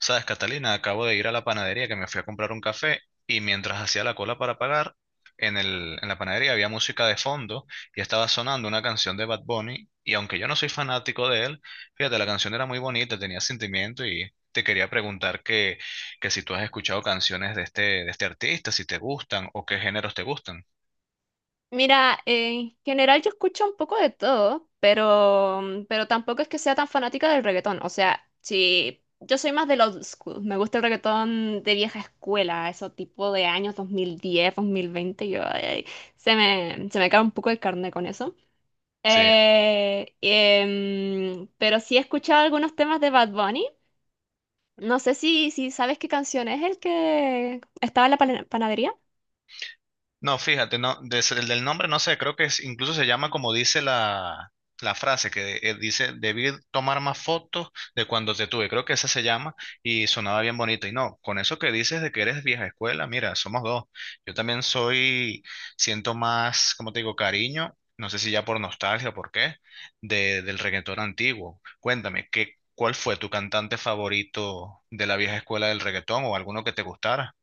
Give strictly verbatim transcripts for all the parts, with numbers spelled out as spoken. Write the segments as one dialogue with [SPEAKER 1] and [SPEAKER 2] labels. [SPEAKER 1] Sabes, Catalina, acabo de ir a la panadería que me fui a comprar un café y mientras hacía la cola para pagar, en el, en la panadería había música de fondo y estaba sonando una canción de Bad Bunny y aunque yo no soy fanático de él, fíjate, la canción era muy bonita, tenía sentimiento y te quería preguntar que, que si tú has escuchado canciones de este, de este artista, si te gustan o qué géneros te gustan.
[SPEAKER 2] Mira, en general yo escucho un poco de todo, pero, mm, pero tampoco es que sea tan fanática del reggaetón. O sea, si yo soy más del old school, me gusta el reggaetón de vieja escuela, eso tipo de años dos mil diez, dos mil veinte, yo ay, se me, se me cae un poco el carne con eso.
[SPEAKER 1] Sí.
[SPEAKER 2] Eh, em, pero sí he escuchado algunos temas de Bad Bunny. No sé si, si sabes qué canción es el que estaba en la pana- panadería.
[SPEAKER 1] No, fíjate, no, des- el del nombre no sé, creo que es- incluso se llama como dice la, la frase que eh, dice, debí tomar más fotos de cuando te tuve, creo que esa se llama y sonaba bien bonito. Y no, con eso que dices de que eres vieja escuela, mira, somos dos. Yo también soy, Siento más, como te digo, cariño, no sé si ya por nostalgia o por qué, de, del reggaetón antiguo. Cuéntame, ¿qué, cuál fue tu cantante favorito de la vieja escuela del reggaetón o alguno que te gustara?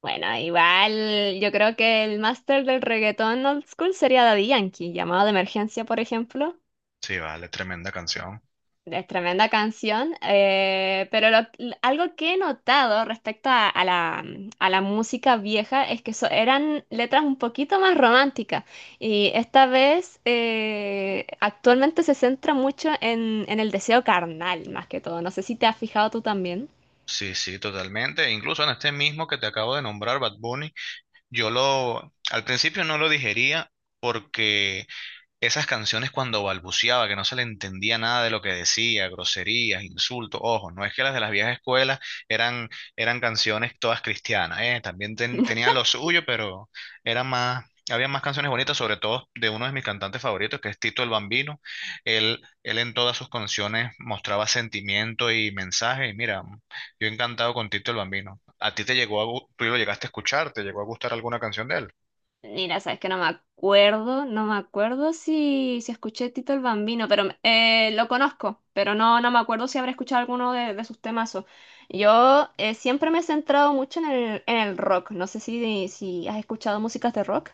[SPEAKER 2] Bueno, igual yo creo que el máster del reggaetón old school sería Daddy Yankee, llamado de emergencia, por ejemplo.
[SPEAKER 1] Sí, vale, tremenda canción.
[SPEAKER 2] Es tremenda canción, eh, pero lo- l- algo que he notado respecto a, a la, a la música vieja es que so- eran letras un poquito más románticas y esta vez eh, actualmente se centra mucho en, en el deseo carnal, más que todo. No sé si te has fijado tú también.
[SPEAKER 1] Sí, sí, totalmente. Incluso en este mismo que te acabo de nombrar, Bad Bunny, yo lo, al principio no lo digería porque esas canciones cuando balbuceaba, que no se le entendía nada de lo que decía, groserías, insultos, ojo, no es que las de las viejas escuelas eran, eran canciones todas cristianas, eh, también ten- tenían lo suyo, pero eran más, había más canciones bonitas, sobre todo de uno de mis cantantes favoritos, que es Tito el Bambino. Él, él en todas sus canciones mostraba sentimiento y mensaje, y mira, yo encantado con Tito el Bambino. ¿A ti te llegó a, gu- tú lo llegaste a escuchar, te llegó a gustar alguna canción de él?
[SPEAKER 2] Mira, sabes que no me acuerdo, no me acuerdo si, si escuché Tito el Bambino, pero me- eh, lo conozco, pero no, no me acuerdo si habré escuchado alguno de, de sus temazos. Yo eh, siempre me he centrado mucho en el, en el rock, no sé si, si has escuchado músicas de rock.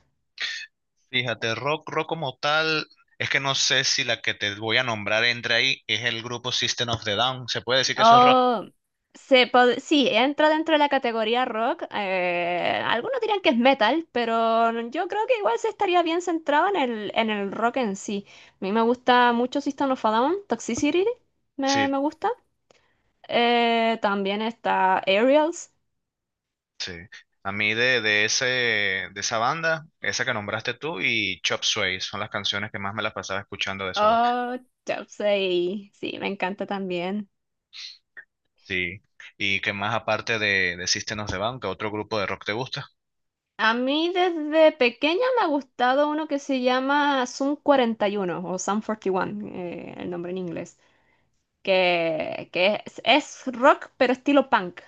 [SPEAKER 1] Fíjate, rock, rock como tal, es que no sé si la que te voy a nombrar entre ahí es el grupo System of the Down. ¿Se puede decir que eso es rock?
[SPEAKER 2] Oh, se pod- sí, entra dentro de la categoría rock. Eh, algunos dirán que es metal, pero yo creo que igual se estaría bien centrado en el, en el rock en sí. A mí me gusta mucho System of a Down, Toxicity,
[SPEAKER 1] Sí,
[SPEAKER 2] me, me gusta. Eh, también está Aerials.
[SPEAKER 1] sí. A mí de, de ese, de esa banda, esa que nombraste tú y Chop Suey son las canciones que más me las pasaba escuchando de esos dos.
[SPEAKER 2] Oh, Chelsea. Sí, me encanta también.
[SPEAKER 1] Sí. ¿Y que más aparte de, de System of the Down, que otro grupo de rock te gusta?
[SPEAKER 2] A mí desde pequeña me ha gustado uno que se llama Sum cuarenta y uno o Sum cuarenta y uno, eh, el nombre en inglés, que, que es, es rock pero estilo punk.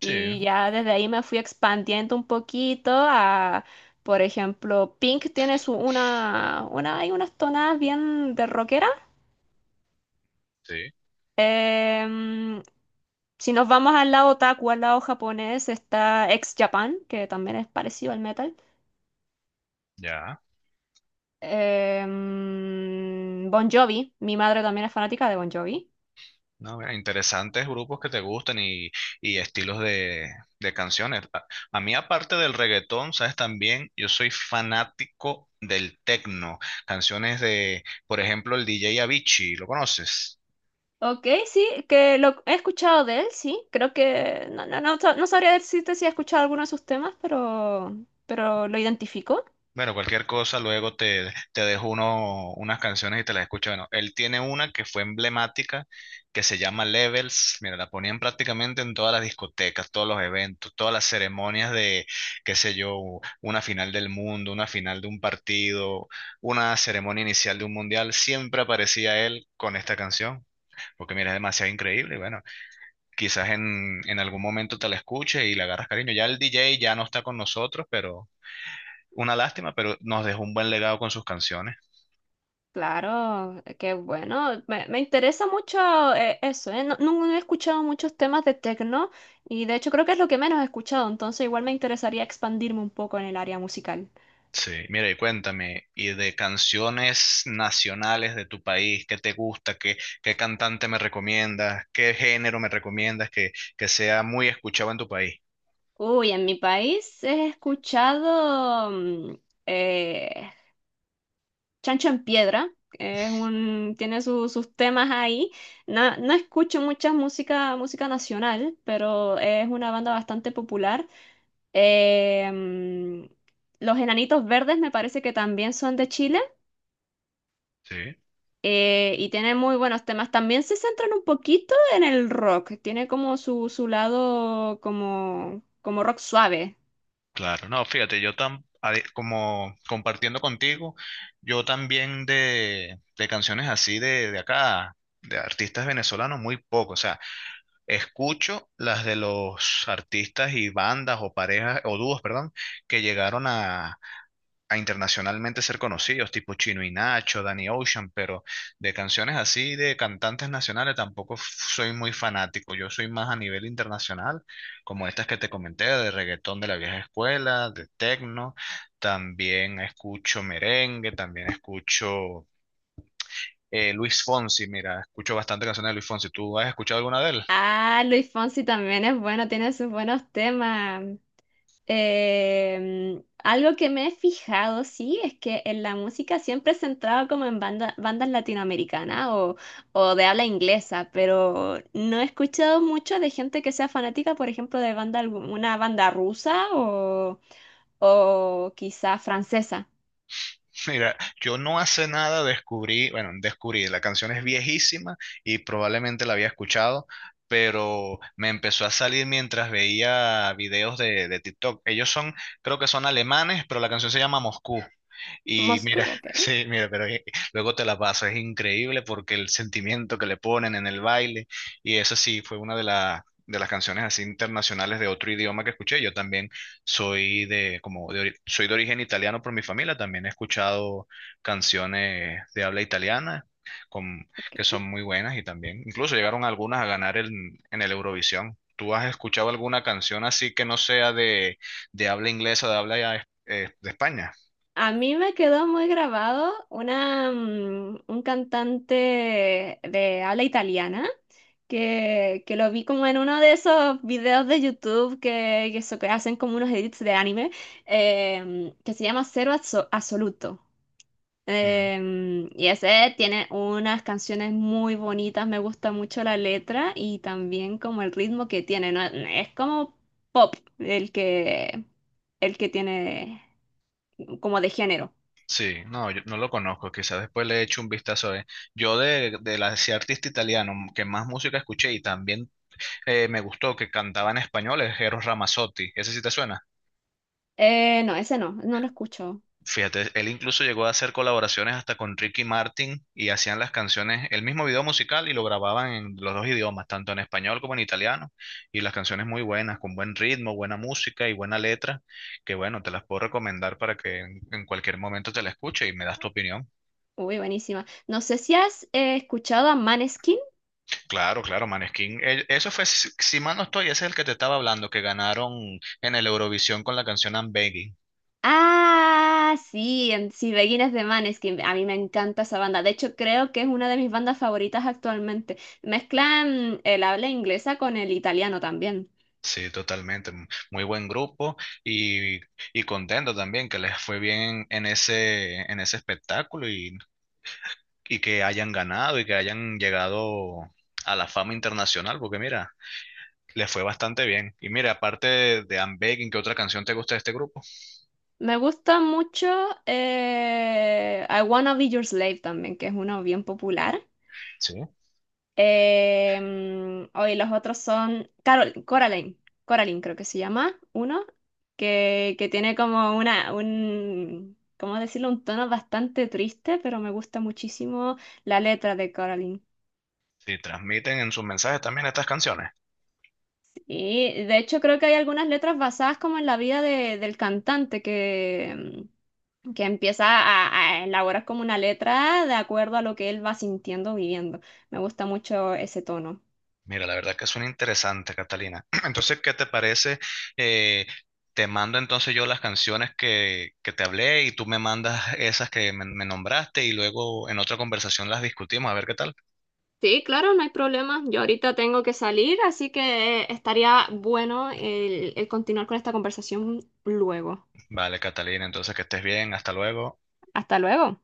[SPEAKER 1] Sí,
[SPEAKER 2] Y ya desde ahí me fui expandiendo un poquito a, por ejemplo, Pink tiene su, una, una, hay unas tonadas bien de rockera.
[SPEAKER 1] sí,
[SPEAKER 2] Em, si nos vamos al lado otaku, al lado japonés, está Ex Japan, que también es parecido al metal.
[SPEAKER 1] ya.
[SPEAKER 2] Em, Bon Jovi, mi madre también es fanática de Bon Jovi.
[SPEAKER 1] No, mira, interesantes grupos que te gustan y, y estilos de, de canciones. A, a mí, aparte del reggaetón, sabes también, yo soy fanático del techno. Canciones de, por ejemplo, el D J Avicii, ¿lo conoces?
[SPEAKER 2] Ok, sí, que lo he escuchado de él, sí. Creo que no, no, no, sa- no sabría decirte si he escuchado alguno de sus temas, pero, pero lo identifico.
[SPEAKER 1] Bueno, cualquier cosa, luego te, te dejo uno, unas canciones y te las escucho. Bueno, él tiene una que fue emblemática, que se llama Levels. Mira, la ponían prácticamente en todas las discotecas, todos los eventos, todas las ceremonias de, qué sé yo, una final del mundo, una final de un partido, una ceremonia inicial de un mundial. Siempre aparecía él con esta canción, porque mira, es demasiado increíble. Y bueno, quizás en, en algún momento te la escuches y le agarras cariño. Ya el D J ya no está con nosotros, pero una lástima, pero nos dejó un buen legado con sus canciones.
[SPEAKER 2] Claro, eh, qué bueno. Me, me interesa mucho eh, eso, ¿eh? No, no no he escuchado muchos temas de techno y de hecho creo que es lo que menos he escuchado, entonces igual me interesaría expandirme un poco en el área musical.
[SPEAKER 1] Sí, mira, y cuéntame, y de canciones nacionales de tu país, ¿qué te gusta? ¿Qué, qué cantante me recomiendas? ¿Qué género me recomiendas que, que sea muy escuchado en tu país?
[SPEAKER 2] Uy, en mi país he escuchado mm, eh, Chancho en Piedra, que es un, tiene su- sus temas ahí. No, no escucho mucha música, música nacional, pero es una banda bastante popular. Em, los Enanitos Verdes me parece que también son de Chile
[SPEAKER 1] Sí,
[SPEAKER 2] eh, y tienen muy buenos temas. También se centran un poquito en el rock. Tiene como su, su lado como, como rock suave.
[SPEAKER 1] claro. No, fíjate, yo tam, ade- como compartiendo contigo, yo también de, de canciones así de, de acá, de artistas venezolanos, muy poco. O sea, escucho las de los artistas y bandas o parejas o dúos, perdón, que llegaron a, a internacionalmente ser conocidos, tipo Chino y Nacho, Danny Ocean, pero de canciones así de cantantes nacionales tampoco f- soy muy fanático. Yo soy más a nivel internacional, como estas que te comenté, de reggaetón de la vieja escuela, de techno, también escucho merengue, también escucho eh, Luis Fonsi. Mira, escucho bastante canciones de Luis Fonsi. ¿Tú has escuchado alguna de él?
[SPEAKER 2] Ah, Luis Fonsi también es bueno, tiene sus buenos temas. Em, algo que me he fijado, sí, es que en la música siempre se centrado como en banda- bandas latinoamericanas o, o de habla inglesa, pero no he escuchado mucho de gente que sea fanática, por ejemplo, de banda, algu- una banda rusa o, o quizá francesa.
[SPEAKER 1] Mira, yo no hace nada descubrí, bueno, descubrí, la canción es viejísima y probablemente la había escuchado, pero me empezó a salir mientras veía videos de, de TikTok. Ellos son, creo que son alemanes, pero la canción se llama Moscú. Y
[SPEAKER 2] Moscú,
[SPEAKER 1] mira,
[SPEAKER 2] ok,
[SPEAKER 1] sí, mira, pero eh, luego te la paso, es increíble porque el sentimiento que le ponen en el baile, y eso sí, fue una de, la- de las canciones así internacionales de otro idioma que escuché. Yo también soy de, como de ori- soy de origen italiano por mi familia, también he escuchado canciones de habla italiana con, que son
[SPEAKER 2] ok.
[SPEAKER 1] muy buenas y también, incluso llegaron algunas a ganar en, en el Eurovisión. ¿Tú has escuchado alguna canción así que no sea de, de habla inglesa, de habla eh, de España?
[SPEAKER 2] A mí me quedó muy grabado una, mm, un cantante de habla italiana que, que lo vi como en uno de esos videos de YouTube que, que, so- que hacen como unos edits de anime eh, que se llama Cero Azo- Absoluto.
[SPEAKER 1] Mm.
[SPEAKER 2] Eh, y ese tiene unas canciones muy bonitas, me gusta mucho la letra y también como el ritmo que tiene, ¿no? Es como pop el que, el que tiene como de género.
[SPEAKER 1] Sí, no, yo no lo conozco, quizás después le echo un vistazo. eh. Yo de, de la, ese artista italiano que más música escuché y también eh, me gustó que cantaba en español es Eros Ramazzotti, ¿ese sí te suena?
[SPEAKER 2] Eh, no, ese no, no lo escucho.
[SPEAKER 1] Fíjate, él incluso llegó a hacer colaboraciones hasta con Ricky Martin y hacían las canciones, el mismo video musical y lo grababan en los dos idiomas, tanto en español como en italiano, y las canciones muy buenas, con buen ritmo, buena música y buena letra, que bueno, te las puedo recomendar para que en en cualquier momento te la escuche y me das tu opinión.
[SPEAKER 2] Uy, buenísima. No sé si has eh, escuchado a Maneskin.
[SPEAKER 1] Claro, claro, Maneskin. El- Eso fue, si si mal no estoy, ese es el que te estaba hablando, que ganaron en el Eurovisión con la canción I'm Begging.
[SPEAKER 2] Ah, sí, en, sí, Beginners de Maneskin. A mí me encanta esa banda. De hecho, creo que es una de mis bandas favoritas actualmente. Mezclan el habla inglesa con el italiano también.
[SPEAKER 1] Sí, totalmente. m- Muy buen grupo y, y contento también que les fue bien en ese, en ese espectáculo y, y que hayan ganado y que hayan llegado a la fama internacional, porque mira, les fue bastante bien. Y mira, aparte de, de I'm Begging, ¿qué otra canción te gusta de este grupo?
[SPEAKER 2] Me gusta mucho eh, I Wanna Be Your Slave también, que es uno bien popular.
[SPEAKER 1] Sí.
[SPEAKER 2] Eh, hoy los otros son Carol, Coraline, Coraline creo que se llama, uno, que, que tiene como una, un, ¿cómo decirlo? Un tono bastante triste, pero me gusta muchísimo la letra de Coraline.
[SPEAKER 1] Sí, transmiten en sus mensajes también estas canciones.
[SPEAKER 2] Y de hecho creo que hay algunas letras basadas como en la vida de- del cantante que, mm, que empieza a, a elaborar como una letra de acuerdo a lo que él va sintiendo, viviendo. Me gusta mucho ese tono.
[SPEAKER 1] Mira, la verdad que suena interesante, Catalina. Entonces, ¿qué te parece? Eh, te mando entonces yo las canciones que, que te hablé y tú me mandas esas que me, me nombraste y luego en otra conversación las discutimos, a ver qué tal.
[SPEAKER 2] Sí, claro, no hay problema. Yo ahorita tengo que salir, así que eh, estaría bueno el, el continuar con esta conversación luego.
[SPEAKER 1] Vale, Catalina, entonces que estés bien, hasta luego.
[SPEAKER 2] Hasta luego.